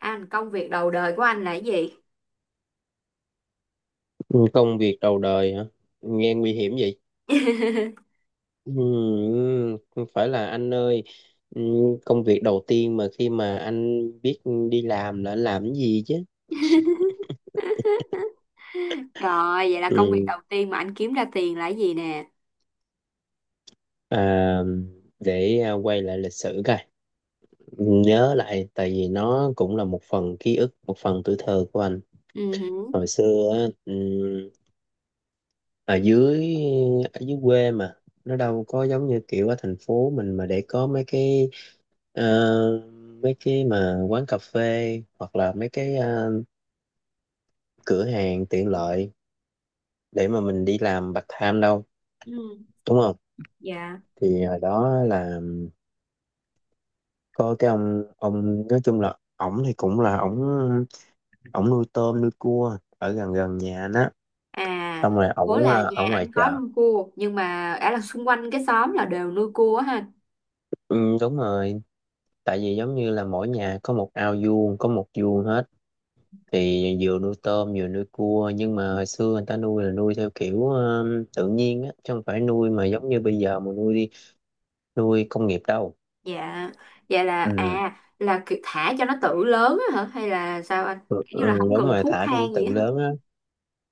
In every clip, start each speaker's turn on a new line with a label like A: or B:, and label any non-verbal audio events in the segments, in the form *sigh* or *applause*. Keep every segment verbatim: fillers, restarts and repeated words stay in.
A: Anh, công việc đầu đời của anh là cái gì?
B: Ừ, Công việc đầu đời hả? Nghe nguy hiểm vậy. Ừ, không phải là anh ơi, ừ, công việc đầu tiên mà khi mà anh biết đi làm là anh làm cái gì chứ?
A: *laughs* Rồi, vậy là công việc
B: Ừ,
A: đầu tiên mà anh kiếm ra tiền là cái gì nè?
B: à, để à, quay lại lịch sử coi. Ừ, nhớ lại, tại vì nó cũng là một phần ký ức, một phần tuổi thơ của anh.
A: Ừ, hử.
B: Hồi xưa á, ừ, ở dưới ở dưới quê mà nó đâu có giống như kiểu ở thành phố mình mà để có mấy cái Ờ, mấy cái mà quán cà phê hoặc là mấy cái ờ, cửa hàng tiện lợi để mà mình đi làm part time đâu
A: ừ,
B: đúng không?
A: dạ.
B: Thì hồi đó là có cái ông ông nói chung là ổng thì cũng là ổng ổng nuôi tôm nuôi cua ở gần gần nhà anh á,
A: À,
B: xong rồi
A: bố
B: ổng
A: là
B: ờ, ở
A: nhà
B: ngoài
A: anh có
B: chợ.
A: nuôi cua, nhưng mà ở là xung quanh cái xóm là đều nuôi cua á ha.
B: Ừ, đúng rồi, tại vì giống như là mỗi nhà có một ao vuông có một vuông hết, thì vừa nuôi tôm vừa nuôi cua nhưng mà hồi xưa người ta nuôi là nuôi theo kiểu ờ, tự nhiên á chứ không phải nuôi mà giống như bây giờ mà nuôi đi nuôi công nghiệp đâu.
A: Dạ, vậy là,
B: ừ,
A: à, là kiểu thả cho nó tự lớn á hả? Hay là sao anh?
B: ừ
A: Kiểu
B: ừ,
A: như là không
B: đúng
A: cần
B: rồi,
A: thuốc
B: thả trong
A: thang
B: tự
A: gì á hả?
B: lớn á.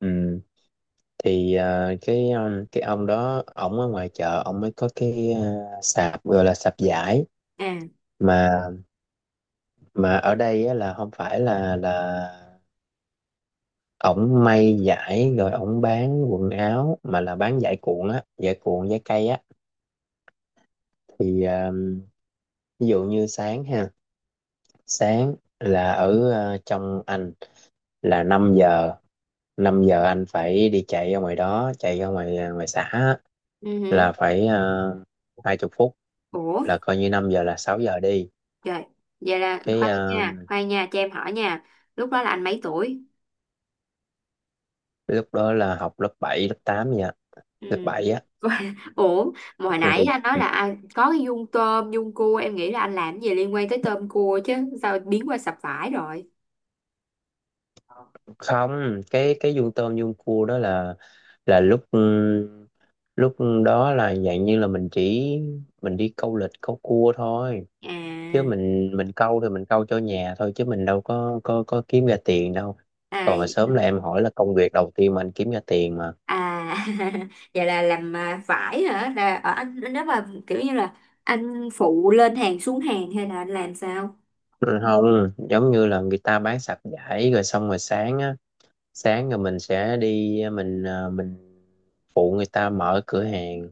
B: Ừ. thì ờ, cái ờ, cái ông đó ổng ở ngoài chợ ổng mới có cái ờ, sạp, gọi là sạp vải
A: À,
B: mà mà ở đây á, là không phải là là ổng may vải rồi ổng bán quần áo, mà là bán vải cuộn á, vải cuộn vải cây á. thì ờ, Ví dụ như sáng ha, sáng là ở ờ, trong anh là năm giờ, năm giờ anh phải đi chạy ra ngoài đó chạy ra ngoài ờ, ngoài xã á,
A: ừ, hử.
B: là phải uh, hai chục phút,
A: Ủa?
B: là coi như năm giờ là sáu giờ đi.
A: Trời, vậy là
B: cái
A: khoan
B: ờ,
A: nha, khoan nha, cho em hỏi nha. Lúc đó là anh mấy tuổi?
B: Lúc đó là học lớp bảy, lớp tám nha,
A: Ừ.
B: lớp bảy á.
A: *laughs* Ủa, mà hồi nãy
B: Ừ,
A: anh nói là anh có cái dung tôm, dung cua, em nghĩ là anh làm gì liên quan tới tôm cua chứ, sao biến qua sập vải rồi?
B: không, cái cái vuông tôm vuông cua đó là là lúc ừm, lúc đó là dạng như là mình chỉ mình đi câu lịch câu cua thôi.
A: À,
B: Chứ mình mình câu thì mình câu cho nhà thôi chứ mình đâu có có có kiếm ra tiền đâu.
A: à,
B: Còn mà sớm là em hỏi là công việc đầu tiên mà anh kiếm ra tiền mà.
A: à *laughs* vậy là làm à, vải hả? Là ở anh nếu mà kiểu như là anh phụ lên hàng xuống hàng hay là anh làm sao?
B: Ừ, không, giống như là người ta bán sạp vải rồi xong rồi sáng á, sáng rồi mình sẽ đi, mình ờ, mình phụ người ta mở cửa hàng,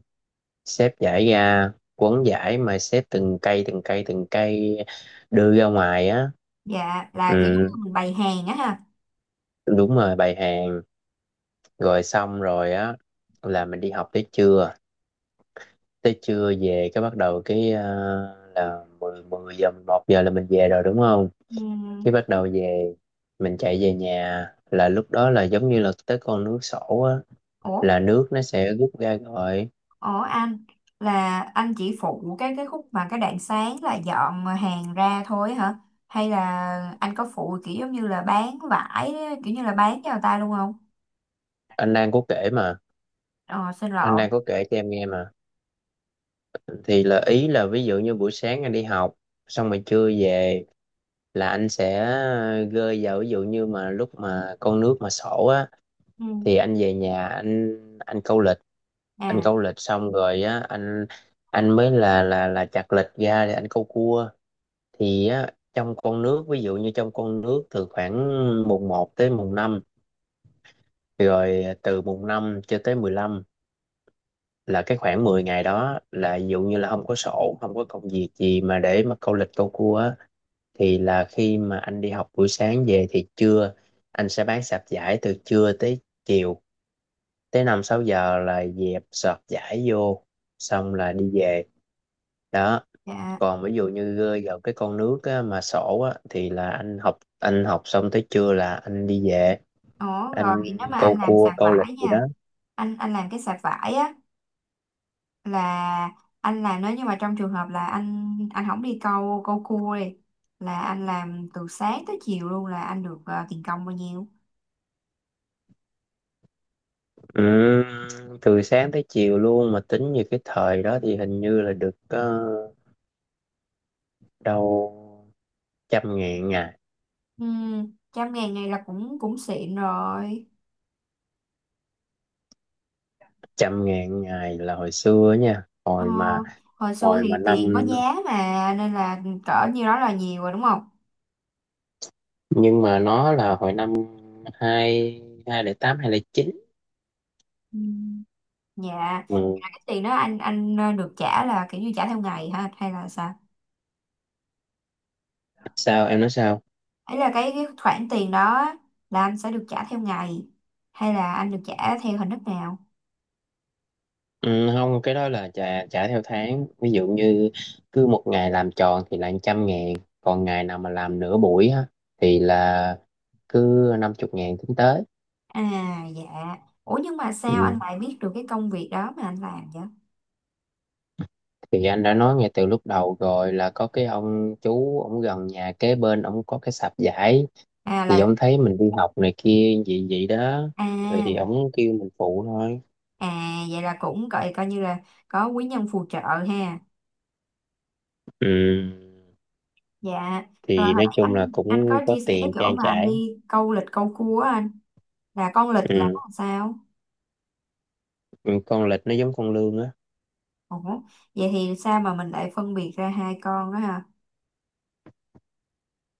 B: xếp vải ra quấn vải mà xếp từng cây từng cây từng cây đưa ra ngoài á.
A: Dạ,
B: Ừ,
A: là kiểu giống như mình bày hàng á ha.
B: đúng rồi, bày hàng, rồi xong rồi á là mình đi học tới trưa, tới trưa về cái bắt đầu cái ờ, là mười mười giờ một giờ là mình về rồi đúng không?
A: Ừ.
B: Cái bắt đầu về, mình chạy về nhà là lúc đó là giống như là tới con nước sổ á,
A: Ủa.
B: là nước nó sẽ rút ra rồi.
A: Ủa anh, là anh chỉ phụ cái cái khúc mà cái đoạn sáng là dọn hàng ra thôi hả? Hay là anh có phụ kiểu giống như là bán vải kiểu như là bán cho người ta luôn không?
B: Anh đang có kể mà,
A: Ờ xin
B: anh
A: lỗi.
B: đang có kể cho em nghe mà. Thì là ý là, ví dụ như buổi sáng anh đi học xong rồi trưa về là anh sẽ gơi vào, ví dụ như mà lúc mà con nước mà sổ á,
A: Ừ.
B: thì anh về nhà anh anh câu lịch, anh
A: À
B: câu lịch xong rồi á, anh anh mới là là là chặt lịch ra để anh câu cua. Thì á, trong con nước ví dụ như trong con nước từ khoảng mùng một tới mùng năm, rồi từ mùng năm cho tới mười lăm, là cái khoảng mười ngày đó là ví dụ như là không có sổ, không có công việc gì mà để mà câu lịch câu cua á. Thì là khi mà anh đi học buổi sáng về thì trưa anh sẽ bán sạp giải từ trưa tới chiều, tới năm sáu giờ là dẹp sọt giải vô, xong là đi về đó.
A: dạ.
B: Còn ví dụ như ờ, gần cái con nước á, mà sổ á, thì là anh học, anh học xong tới trưa là anh đi về,
A: Ủa rồi
B: anh
A: thì nếu mà anh
B: câu
A: làm
B: cua
A: sạp
B: câu lịch
A: vải
B: gì đó.
A: nha, anh anh làm cái sạp vải á, là anh làm nếu như mà trong trường hợp là anh anh không đi câu câu cua đi, là anh làm từ sáng tới chiều luôn, là anh được ờ, tiền công bao nhiêu?
B: Ừm, Từ sáng tới chiều luôn mà tính như cái thời đó thì hình như là được ờ, đâu trăm ngàn ngày.
A: Ừ, trăm ngàn này là cũng cũng xịn rồi.
B: Trăm ngàn ngày là hồi xưa nha,
A: Ờ,
B: hồi mà
A: hồi xưa
B: hồi mà
A: thì tiền có
B: năm
A: giá mà nên là cỡ nhiêu đó là nhiều rồi đúng không?
B: nhưng mà nó là hồi năm hai hai lẻ tám, hai lẻ chín.
A: Ừ. Dạ.
B: Ừ.
A: Là cái tiền đó anh anh ờ, được trả là kiểu như trả theo ngày hả hay là sao?
B: Sao em nói sao?
A: Ấy là cái, cái khoản tiền đó là anh sẽ được trả theo ngày hay là anh được trả theo hình thức nào?
B: Ừ, không, cái đó là trả trả theo tháng, ví dụ như cứ một ngày làm tròn thì là trăm ngàn, còn ngày nào mà làm nửa buổi á thì là cứ năm chục ngàn tính tới.
A: À dạ. Ủa nhưng mà sao anh
B: Ừ.
A: lại biết được cái công việc đó mà anh làm vậy?
B: Thì anh đã nói ngay từ lúc đầu rồi là có cái ông chú, ông gần nhà kế bên ông có cái sạp vải,
A: À
B: thì
A: là
B: ông thấy mình đi học này kia vậy vậy đó, rồi thì
A: à.
B: ông kêu mình phụ thôi.
A: À vậy là cũng coi coi như là có quý nhân phù trợ ha.
B: Ừ,
A: Dạ. Rồi
B: thì
A: hồi
B: nói
A: nãy
B: chung là
A: anh anh
B: cũng
A: có
B: có
A: chia sẻ cái
B: tiền
A: chỗ
B: trang
A: mà anh
B: trải.
A: đi câu lịch câu cua á anh, là con lịch là
B: Ừ.
A: con sao?
B: Ừ, con lịch nó giống con lươn á.
A: Ủa vậy thì sao mà mình lại phân biệt ra hai con đó ha?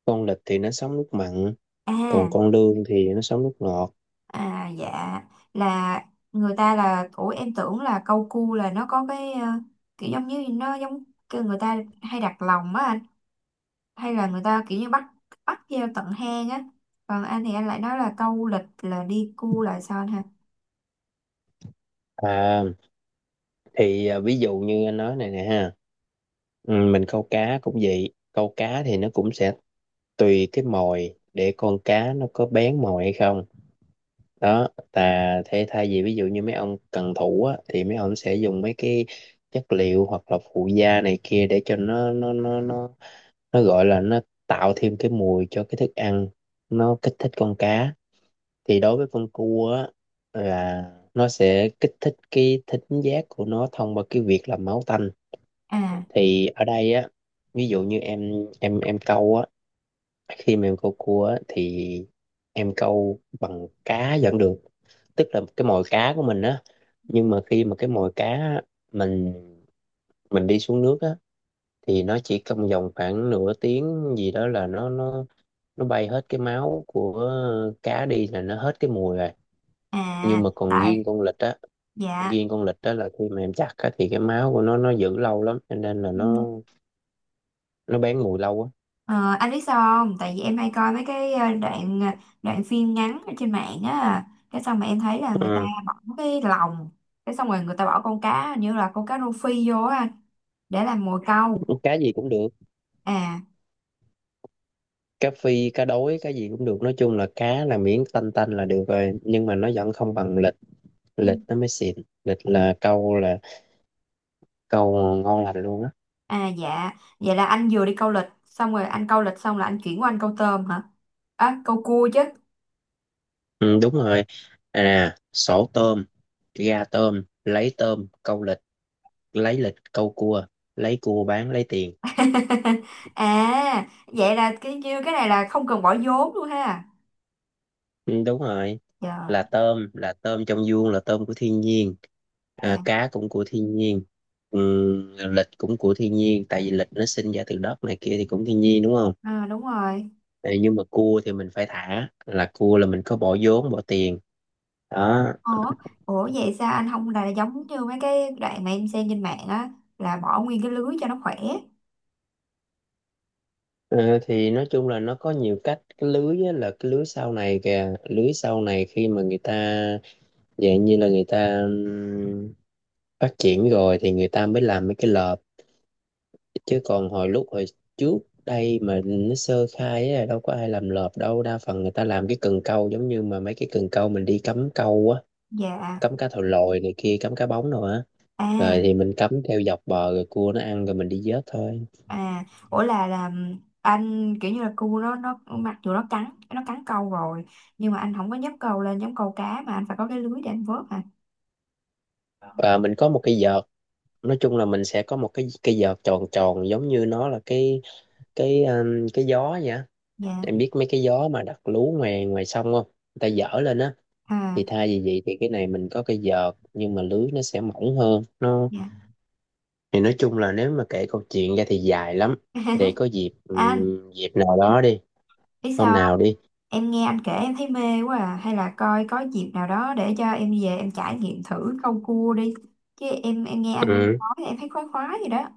B: Con lịch thì nó sống nước mặn, còn
A: À,
B: con lươn thì nó sống nước ngọt.
A: à dạ, là người ta là ủa em tưởng là câu cua là nó có cái ờ, kiểu giống như nó giống kêu người ta hay đặt lòng á anh. Hay là người ta kiểu như bắt bắt theo tận hang á, còn anh thì anh lại nói là câu lịch là đi cu lại son ha.
B: À, thì à, ví dụ như anh nói này nè ha. Ừ, mình câu cá cũng vậy, câu cá thì nó cũng sẽ tùy cái mồi để con cá nó có bén mồi hay không. Đó, ta thế thay vì ví dụ như mấy ông cần thủ á thì mấy ông sẽ dùng mấy cái chất liệu hoặc là phụ gia này kia để cho nó nó nó nó nó gọi là nó tạo thêm cái mùi cho cái thức ăn, nó kích thích con cá. Thì đối với con cua á, là nó sẽ kích thích cái thính giác của nó thông qua cái việc là máu tanh.
A: À,
B: Thì ở đây á, ví dụ như em em em câu á, khi mà em câu cua á thì em câu bằng cá vẫn được, tức là cái mồi cá của mình á. Nhưng mà khi mà cái mồi cá á, mình mình đi xuống nước á, thì nó chỉ trong vòng khoảng nửa tiếng gì đó là nó nó nó bay hết cái máu của cá đi, là nó hết cái mùi rồi.
A: à
B: Nhưng mà còn
A: tại,
B: riêng con vịt á
A: dạ.
B: riêng con vịt á là khi mà em chặt á thì cái máu của nó nó giữ lâu lắm, cho nên là nó
A: Ừ.
B: nó bán mùi lâu á.
A: Ờ, anh biết sao không, tại vì em hay coi mấy cái ờ, đoạn ờ, đoạn phim ngắn ở trên mạng á, cái xong mà em thấy là người ta
B: Ừ.
A: bỏ cái lòng, cái xong rồi người ta bỏ con cá như là con cá rô phi vô á anh, để làm mồi câu.
B: Cá gì cũng được,
A: À,
B: cá phi, cá đối, cá gì cũng được, nói chung là cá là miếng tanh tanh là được rồi, nhưng mà nó vẫn không bằng lịch,
A: ừ.
B: lịch nó mới xịn. Lịch là câu là câu ngon lành luôn á.
A: À dạ, vậy là anh vừa đi câu lịch xong rồi anh câu lịch xong là anh chuyển qua anh câu tôm hả, à, câu cua chứ.
B: Ừ, đúng rồi, à, sổ tôm ra tôm, lấy tôm câu lịch, lấy lịch câu cua, lấy cua bán lấy tiền.
A: *laughs* À vậy là cái như cái này là không cần bỏ vốn luôn ha.
B: Ừ, đúng rồi,
A: Trời.
B: là tôm, là tôm trong vuông là tôm của thiên nhiên. À,
A: Dạ.
B: cá cũng của thiên nhiên. Ừ, lịch cũng của thiên nhiên, tại vì lịch nó sinh ra từ đất này kia thì cũng thiên nhiên đúng không?
A: À, đúng rồi.
B: Ờ, nhưng mà cua thì mình phải thả, là cua là mình có bỏ vốn bỏ tiền đó.
A: Ủa, ủa vậy sao anh không là giống như mấy cái đoạn mà em xem trên mạng á, là bỏ nguyên cái lưới cho nó khỏe.
B: Ờ, thì nói chung là nó có nhiều cách. Cái lưới á, là cái lưới sau này kìa, lưới sau này khi mà người ta dạng như là người ta phát triển rồi thì người ta mới làm mấy cái lợp. Chứ còn hồi lúc hồi trước đây mà nó sơ khai á đâu có ai làm lợp đâu, đa phần người ta làm cái cần câu giống như mà mấy cái cần câu mình đi cắm câu á,
A: Dạ.
B: cắm cá thầu lòi này kia, cắm cá bóng rồi á. Rồi
A: À.
B: thì mình cắm theo dọc bờ rồi cua nó ăn rồi mình đi vớt thôi.
A: À ủa, là là anh kiểu như là cu nó nó mặc dù nó cắn nó cắn câu rồi nhưng mà anh không có nhấc câu lên giống câu cá mà anh phải có cái lưới để anh vớt hả.
B: Và mình có một cái vợt, nói chung là mình sẽ có một cái cái vợt tròn tròn giống như nó là cái cái um, cái gió vậy á.
A: Dạ.
B: Em biết mấy cái gió mà đặt lú ngoài ngoài sông không? Người ta dở lên á, thì
A: À
B: thay vì vậy thì cái này mình có cái vợt nhưng mà lưới nó sẽ mỏng hơn nó.
A: dạ.
B: Thì nói chung là nếu mà kể câu chuyện ra thì dài lắm, để có dịp
A: *laughs* Anh
B: ừm, dịp nào đó đi,
A: biết
B: hôm
A: sao,
B: nào đi.
A: em nghe anh kể em thấy mê quá à. Hay là coi có dịp nào đó để cho em về em trải nghiệm thử câu cua đi. Chứ em em nghe anh
B: Ừ,
A: nói em thấy khoái khoái gì đó.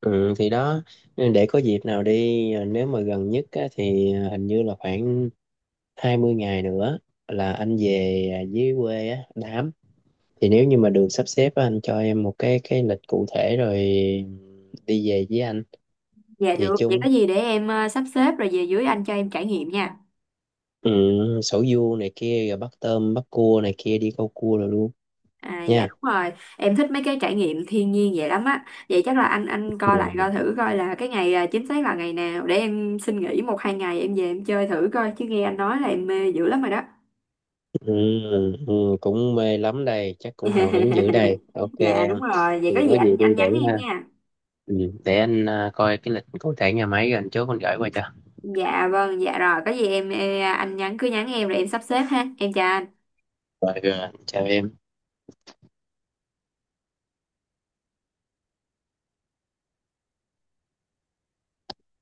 B: ừ, thì đó, để có dịp nào đi ờ, nếu mà gần nhất á, thì ờ, hình như là khoảng hai mươi ngày nữa là anh về, à, dưới quê á đám, thì nếu như mà được sắp xếp á, anh cho em một cái cái lịch cụ thể rồi đi về với anh.
A: Dạ
B: Về
A: được, vậy
B: chung.
A: có gì để em ờ, sắp xếp rồi về dưới anh cho em trải nghiệm nha.
B: Ừ, sầu riêu này kia rồi bắt tôm bắt cua này kia đi câu cua rồi luôn
A: À, dạ
B: nha.
A: đúng rồi, em thích mấy cái trải nghiệm thiên nhiên vậy lắm á. Vậy chắc là anh anh coi lại coi
B: Ừ,
A: thử coi là cái ngày ờ, chính xác là ngày nào để em xin nghỉ một hai ngày em về em chơi thử coi chứ nghe anh nói là em mê dữ lắm rồi đó.
B: ừ, ừ, cũng mê lắm đây chắc cũng hào hứng dữ
A: *laughs*
B: đây, OK
A: Dạ
B: em.
A: đúng rồi, vậy có
B: Thì
A: gì
B: có gì
A: anh anh
B: tôi để
A: nhắn em
B: ha.
A: nha.
B: Ừ, để anh, à, coi cái lịch cụ thể nhà máy rồi anh chốt anh gửi qua cho.
A: Dạ vâng, dạ rồi có gì em, em anh nhắn cứ nhắn em rồi em sắp xếp ha, em chào anh.
B: Rồi rồi. Chào em.